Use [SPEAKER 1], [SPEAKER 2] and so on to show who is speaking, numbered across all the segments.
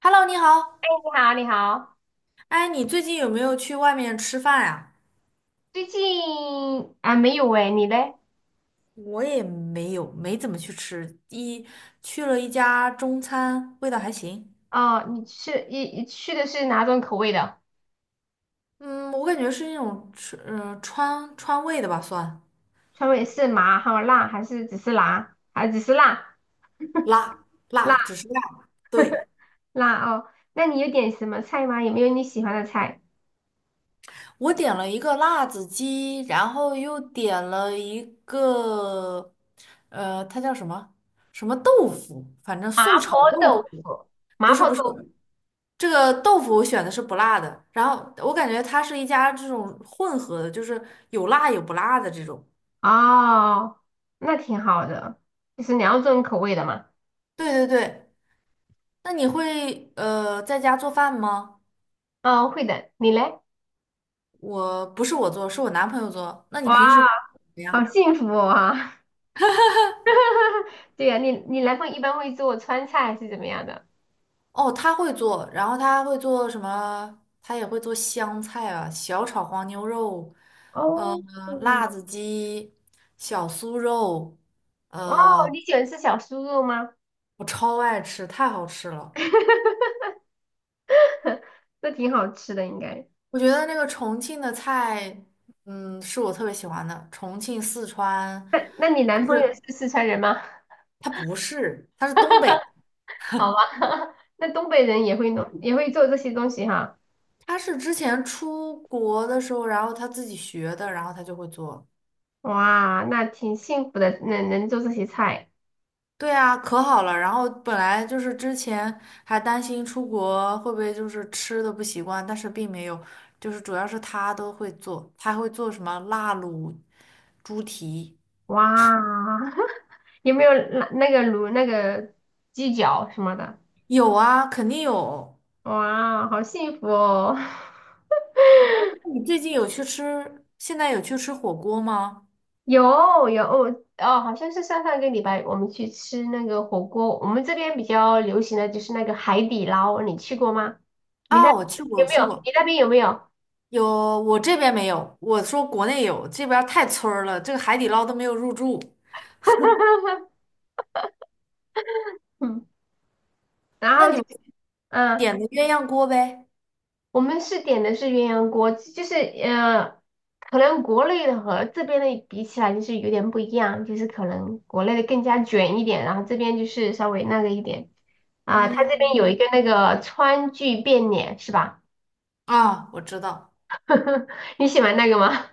[SPEAKER 1] Hello，你好。
[SPEAKER 2] 你好，你好，
[SPEAKER 1] 哎，你最近有没有去外面吃饭呀？
[SPEAKER 2] 最近啊没有哎，你嘞？
[SPEAKER 1] 我也没有，没怎么去吃，一去了一家中餐，味道还行。
[SPEAKER 2] 哦，你吃的是哪种口味的？
[SPEAKER 1] 嗯，我感觉是那种吃，川味的吧，算
[SPEAKER 2] 川味是麻还有辣，还是只是辣？还只是辣
[SPEAKER 1] 辣辣，
[SPEAKER 2] 辣
[SPEAKER 1] 只是辣。对，
[SPEAKER 2] 辣哦？那你有点什么菜吗？有没有你喜欢的菜？
[SPEAKER 1] 我点了一个辣子鸡，然后又点了一个，它叫什么什么豆腐，反正
[SPEAKER 2] 麻
[SPEAKER 1] 素炒
[SPEAKER 2] 婆
[SPEAKER 1] 豆
[SPEAKER 2] 豆
[SPEAKER 1] 腐，
[SPEAKER 2] 腐，
[SPEAKER 1] 不
[SPEAKER 2] 麻
[SPEAKER 1] 是
[SPEAKER 2] 婆
[SPEAKER 1] 不
[SPEAKER 2] 豆
[SPEAKER 1] 是，
[SPEAKER 2] 腐
[SPEAKER 1] 这个豆腐我选的是不辣的，然后我感觉它是一家这种混合的，就是有辣有不辣的这种。
[SPEAKER 2] 哦，那挺好的，就是两种口味的嘛。
[SPEAKER 1] 对对对，那你会在家做饭吗？
[SPEAKER 2] 哦，会的，你嘞？
[SPEAKER 1] 不是我做，是我男朋友做。那你
[SPEAKER 2] 哇，
[SPEAKER 1] 平时会做什么
[SPEAKER 2] 好
[SPEAKER 1] 样？
[SPEAKER 2] 幸福哦啊！对呀，你男朋友一般会做川菜还是怎么样的？
[SPEAKER 1] 哦，他会做，然后他会做什么？他也会做香菜啊、小炒黄牛肉、呃，
[SPEAKER 2] 哦，
[SPEAKER 1] 辣子鸡、小酥肉，
[SPEAKER 2] 哦，
[SPEAKER 1] 呃，
[SPEAKER 2] 你喜欢吃小酥肉吗？
[SPEAKER 1] 我超爱吃，太好吃了。
[SPEAKER 2] 那挺好吃的，应该。
[SPEAKER 1] 我觉得那个重庆的菜，是我特别喜欢的。重庆、四川，
[SPEAKER 2] 那那你
[SPEAKER 1] 就
[SPEAKER 2] 男朋友
[SPEAKER 1] 是
[SPEAKER 2] 是四川人吗？
[SPEAKER 1] 它不是，它是东北，
[SPEAKER 2] 好吧，那东北人也会弄，也会做这些东西哈。
[SPEAKER 1] 它是之前出国的时候，然后他自己学的，然后他就会做。
[SPEAKER 2] 哇，那挺幸福的，能做这些菜。
[SPEAKER 1] 对啊，可好了。然后本来就是之前还担心出国会不会就是吃的不习惯，但是并没有，就是主要是他都会做，他还会做什么辣卤猪蹄，
[SPEAKER 2] 哇，有没有那个卤那个鸡脚什么的？
[SPEAKER 1] 有啊，肯定有。
[SPEAKER 2] 哇，好幸福哦。
[SPEAKER 1] 那你最近有去吃，现在有去吃火锅吗？
[SPEAKER 2] 有有哦，好像是上上个礼拜我们去吃那个火锅，我们这边比较流行的就是那个海底捞，你去过吗？你那
[SPEAKER 1] 啊，我去过，
[SPEAKER 2] 有
[SPEAKER 1] 我
[SPEAKER 2] 没
[SPEAKER 1] 去
[SPEAKER 2] 有？
[SPEAKER 1] 过，
[SPEAKER 2] 你那边有没有？
[SPEAKER 1] 有，我这边没有，我说国内有，这边儿太村儿了，这个海底捞都没有入驻。
[SPEAKER 2] 嗯，然
[SPEAKER 1] 那
[SPEAKER 2] 后
[SPEAKER 1] 你
[SPEAKER 2] 就
[SPEAKER 1] 们
[SPEAKER 2] 嗯，
[SPEAKER 1] 点的鸳鸯锅呗？
[SPEAKER 2] 我们是点的是鸳鸯锅，就是可能国内的和这边的比起来就是有点不一样，就是可能国内的更加卷一点，然后这边就是稍微那个一点啊，它这边有
[SPEAKER 1] 嗯，
[SPEAKER 2] 一个那个川剧变脸是吧？
[SPEAKER 1] 啊，我知道，
[SPEAKER 2] 你喜欢那个吗？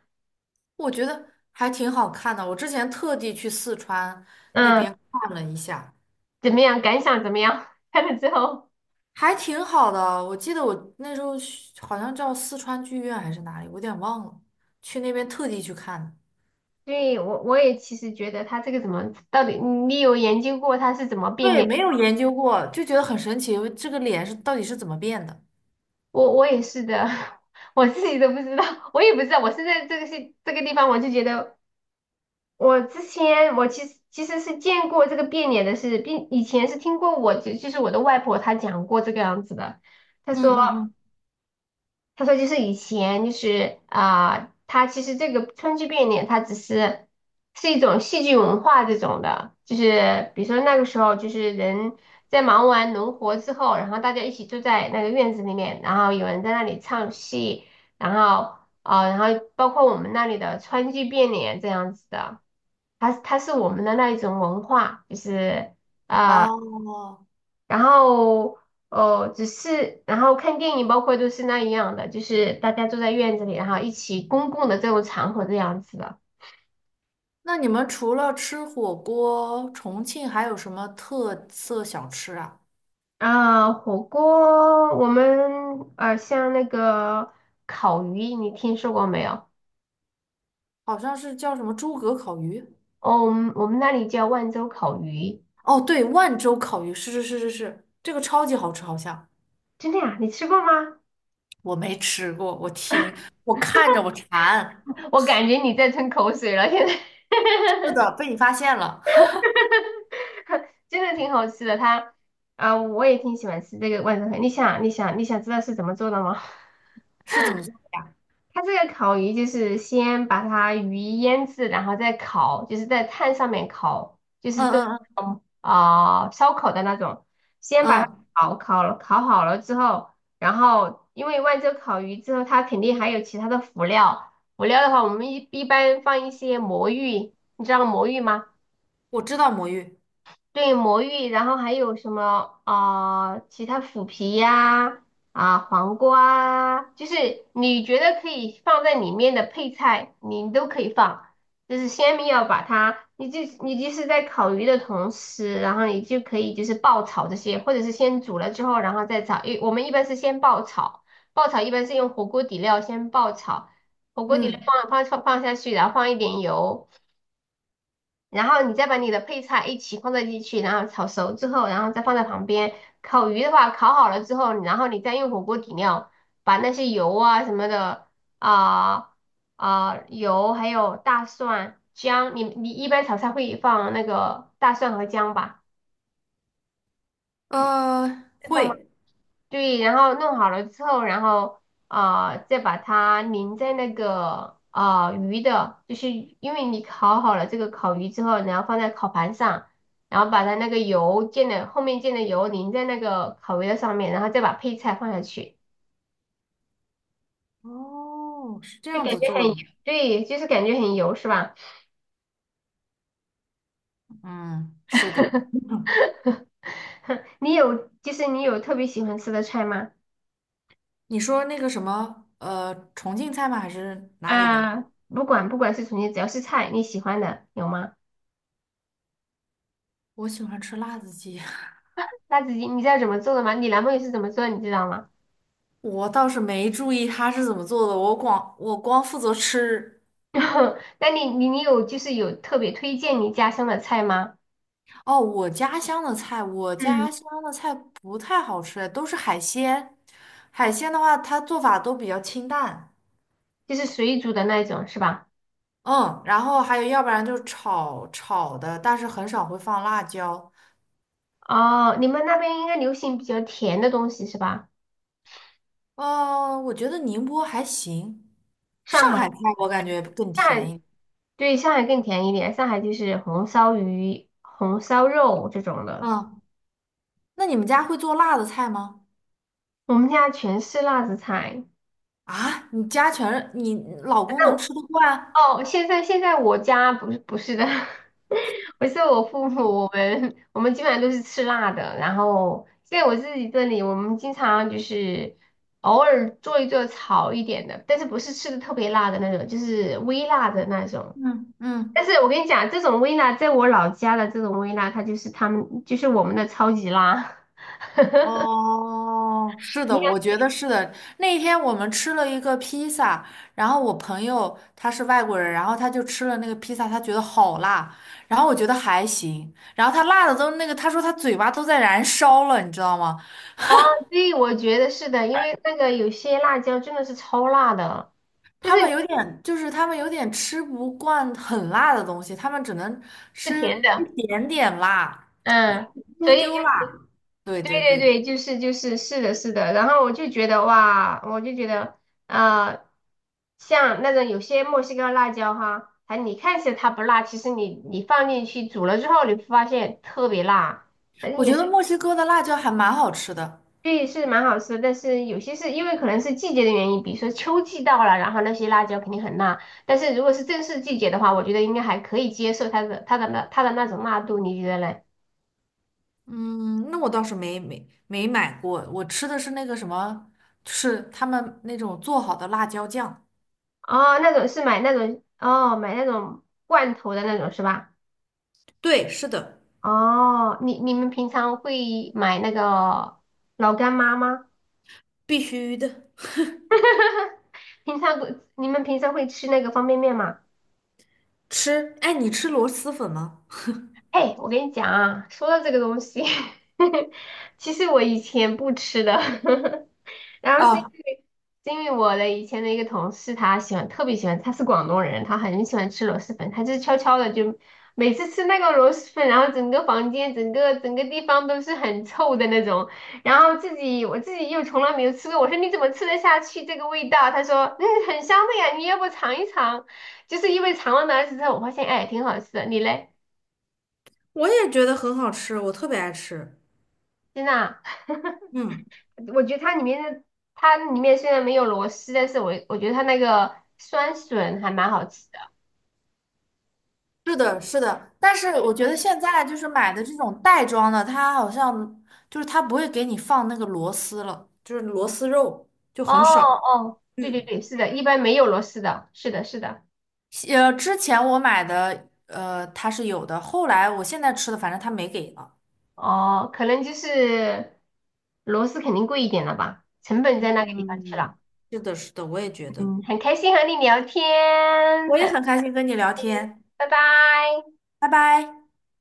[SPEAKER 1] 我觉得还挺好看的。我之前特地去四川 那
[SPEAKER 2] 嗯。
[SPEAKER 1] 边看了一下，
[SPEAKER 2] 怎么样？感想怎么样？看了之后
[SPEAKER 1] 还挺好的。我记得我那时候去好像叫四川剧院还是哪里，我有点忘了，去那边特地去看的。
[SPEAKER 2] 对，我也其实觉得他这个怎么到底，你有研究过他是怎么变
[SPEAKER 1] 对，
[SPEAKER 2] 脸？
[SPEAKER 1] 没有研究过，就觉得很神奇，这个脸是到底是怎么变的？
[SPEAKER 2] 我也是的，我自己都不知道，我也不知道。我是在这个是这个地方，我就觉得我之前我其实是见过这个变脸的事，并以前是听过就是我的外婆她讲过这个样子的。她
[SPEAKER 1] 嗯
[SPEAKER 2] 说。
[SPEAKER 1] 嗯嗯。
[SPEAKER 2] 他说就是以前就是他其实这个川剧变脸，它只是是一种戏剧文化这种的，就是比如说那个时候就是人在忙完农活之后，然后大家一起坐在那个院子里面，然后有人在那里唱戏，然后然后包括我们那里的川剧变脸这样子的，它是我们的那一种文化，就是。
[SPEAKER 1] 哦，
[SPEAKER 2] 然后哦，只是然后看电影，包括都是那一样的，就是大家坐在院子里，然后一起公共的这种场合这样子的。
[SPEAKER 1] 那你们除了吃火锅，重庆还有什么特色小吃啊？
[SPEAKER 2] 火锅我们像那个烤鱼，你听说过没有？
[SPEAKER 1] 好像是叫什么诸葛烤鱼。
[SPEAKER 2] 哦，我们那里叫万州烤鱼，
[SPEAKER 1] 哦，对，万州烤鱼，是是是是是，这个超级好吃，好像
[SPEAKER 2] 真的呀？你吃过吗？
[SPEAKER 1] 我没吃过，我看着我馋。
[SPEAKER 2] 我感觉你在吞口水了，现在
[SPEAKER 1] 是的，被你发现了，
[SPEAKER 2] 真的挺好吃的。它我也挺喜欢吃这个万州烤。鱼。你想，你想，你想知道是怎么做的吗？
[SPEAKER 1] 是怎么做的？
[SPEAKER 2] 它这个烤鱼就是先把它鱼腌制，然后再烤，就是在炭上面烤，就是
[SPEAKER 1] 嗯
[SPEAKER 2] 做
[SPEAKER 1] 嗯
[SPEAKER 2] 烧烤的那种。先
[SPEAKER 1] 嗯
[SPEAKER 2] 把它
[SPEAKER 1] 嗯，
[SPEAKER 2] 烤好了之后，然后因为万州烤鱼之后，它肯定还有其他的辅料。辅料的话，我们一般放一些魔芋，你知道魔芋吗？
[SPEAKER 1] 我知道魔芋，
[SPEAKER 2] 对，魔芋，然后还有什么其他腐皮呀、啊，黄瓜啊，就是你觉得可以放在里面的配菜，你都可以放。就是先不要把它，你就是在烤鱼的同时，然后你就可以就是爆炒这些，或者是先煮了之后，然后再炒。我们一般是先爆炒，爆炒一般是用火锅底料先爆炒，火锅底料
[SPEAKER 1] 嗯
[SPEAKER 2] 放下去，然后放一点油。然后你再把你的配菜一起放在进去，然后炒熟之后，然后再放在旁边。烤鱼的话，烤好了之后，然后你再用火锅底料把那些油啊什么的啊油还有大蒜、姜，你一般炒菜会放那个大蒜和姜吧？会放吗？
[SPEAKER 1] 会。
[SPEAKER 2] 对，然后弄好了之后，然后再把它淋在那个鱼的，就是因为你烤好了这个烤鱼之后，然后放在烤盘上，然后把它那个油溅的后面溅的油淋在那个烤鱼的上面，然后再把配菜放下去，
[SPEAKER 1] 哦，是这
[SPEAKER 2] 就
[SPEAKER 1] 样
[SPEAKER 2] 感
[SPEAKER 1] 子
[SPEAKER 2] 觉很
[SPEAKER 1] 做的，
[SPEAKER 2] 油对，就是感觉很油是吧？
[SPEAKER 1] 嗯，是的。
[SPEAKER 2] 你有特别喜欢吃的菜吗？
[SPEAKER 1] 你说那个什么，重庆菜吗？还是哪里的？
[SPEAKER 2] 啊、不管是重庆，只要是菜你喜欢的有吗？
[SPEAKER 1] 我喜欢吃辣子鸡，
[SPEAKER 2] 辣子鸡你知道怎么做的吗？你男朋友是怎么做的你知道吗？
[SPEAKER 1] 我倒是没注意它是怎么做的，我光负责吃。
[SPEAKER 2] 那你有就是有特别推荐你家乡的菜吗？
[SPEAKER 1] 哦，我家乡的菜，我
[SPEAKER 2] 嗯，
[SPEAKER 1] 家乡的菜不太好吃，都是海鲜。海鲜的话，它做法都比较清淡，
[SPEAKER 2] 就是水煮的那种是吧？
[SPEAKER 1] 嗯，然后还有要不然就是炒炒的，但是很少会放辣椒。
[SPEAKER 2] 哦，你们那边应该流行比较甜的东西是吧？
[SPEAKER 1] 我觉得宁波还行，
[SPEAKER 2] 上
[SPEAKER 1] 上海
[SPEAKER 2] 海
[SPEAKER 1] 菜我感觉更
[SPEAKER 2] 上
[SPEAKER 1] 甜
[SPEAKER 2] 海
[SPEAKER 1] 一点。
[SPEAKER 2] 对上海更甜一点，上海就是红烧鱼、红烧肉这种的。
[SPEAKER 1] 嗯。那你们家会做辣的菜吗？
[SPEAKER 2] 我们家全是辣子菜。
[SPEAKER 1] 啊，你家全是你老公
[SPEAKER 2] 那
[SPEAKER 1] 能
[SPEAKER 2] 我
[SPEAKER 1] 吃得惯？
[SPEAKER 2] 哦，现在我家不是的，不是我父母，我们基本上都是吃辣的。然后在我自己这里，我们经常就是偶尔做一做炒一点的，但是不是吃的特别辣的那种，就是微辣的那种。
[SPEAKER 1] 嗯
[SPEAKER 2] 但
[SPEAKER 1] 嗯，
[SPEAKER 2] 是我跟你讲，这种微辣，在我老家的这种微辣，它就是他们就是我们的超级辣。
[SPEAKER 1] 哦，是 的，
[SPEAKER 2] 你看
[SPEAKER 1] 我觉得是的。那天我们吃了一个披萨，然后我朋友他是外国人，然后他就吃了那个披萨，他觉得好辣，然后我觉得还行，然后他辣的都那个，他说他嘴巴都在燃烧了，你知道吗？
[SPEAKER 2] 啊，对，我觉得是的，因为那个有些辣椒真的是超辣的，但
[SPEAKER 1] 他
[SPEAKER 2] 是
[SPEAKER 1] 们有点就是他们有点吃不惯很辣的东西，他们只能
[SPEAKER 2] 是甜
[SPEAKER 1] 吃一
[SPEAKER 2] 的，
[SPEAKER 1] 点点辣，一
[SPEAKER 2] 嗯。
[SPEAKER 1] 丢
[SPEAKER 2] 所以
[SPEAKER 1] 丢
[SPEAKER 2] 就。
[SPEAKER 1] 辣。对
[SPEAKER 2] 对
[SPEAKER 1] 对
[SPEAKER 2] 对
[SPEAKER 1] 对，
[SPEAKER 2] 对，就是就是是的，是的。然后我就觉得哇，我就觉得呃，像那种有些墨西哥辣椒哈，还你看起来它不辣，其实你放进去煮了之后，你会发现特别辣，反正
[SPEAKER 1] 我
[SPEAKER 2] 也
[SPEAKER 1] 觉
[SPEAKER 2] 是
[SPEAKER 1] 得墨西哥的辣椒还蛮好吃的。
[SPEAKER 2] 对，是蛮好吃的但是有些是因为可能是季节的原因，比如说秋季到了，然后那些辣椒肯定很辣。但是如果是正式季节的话，我觉得应该还可以接受它的那种辣度，你觉得嘞？
[SPEAKER 1] 嗯，那我倒是没买过，我吃的是那个什么，是他们那种做好的辣椒酱。
[SPEAKER 2] 哦，那种是买那种哦，买那种罐头的那种是吧？
[SPEAKER 1] 对，是的，
[SPEAKER 2] 哦，你们平常会买那个老干妈吗？
[SPEAKER 1] 必须的。
[SPEAKER 2] 平常不，你们平常会吃那个方便面吗？
[SPEAKER 1] 吃，哎，你吃螺蛳粉吗？
[SPEAKER 2] 哎，我跟你讲啊，说到这个东西，其实我以前不吃的，然后
[SPEAKER 1] 啊，
[SPEAKER 2] 是因为我的以前的一个同事，他喜欢特别喜欢，他是广东人，他很喜欢吃螺蛳粉，他就是悄悄的就每次吃那个螺蛳粉，然后整个房间、整个地方都是很臭的那种，然后我自己又从来没有吃过，我说你怎么吃得下去这个味道？他说嗯很香的呀，你要不尝一尝？就是因为尝了那次之后，我发现哎挺好吃的，你嘞，
[SPEAKER 1] 我也觉得很好吃，我特别爱吃。
[SPEAKER 2] 真的啊？
[SPEAKER 1] 嗯，
[SPEAKER 2] 我觉得它里面虽然没有螺丝，但是我觉得它那个酸笋还蛮好吃的。
[SPEAKER 1] 是的，是的，但是我觉得现在就是买的这种袋装的，它好像就是它不会给你放那个螺丝了，就是螺丝肉就
[SPEAKER 2] 哦
[SPEAKER 1] 很少。
[SPEAKER 2] 哦，对对对，是的，一般没有螺丝的，是的，是的。
[SPEAKER 1] 之前我买的，它是有的，后来我现在吃的，反正他没给了。
[SPEAKER 2] 哦，可能就是螺丝肯定贵一点了吧，成本在那个地方去
[SPEAKER 1] 嗯，
[SPEAKER 2] 了。
[SPEAKER 1] 是的，是的，我也觉得。
[SPEAKER 2] 嗯，很开心和你聊天，
[SPEAKER 1] 我也
[SPEAKER 2] 很，
[SPEAKER 1] 很开心跟你聊天，
[SPEAKER 2] 拜拜。
[SPEAKER 1] 拜拜。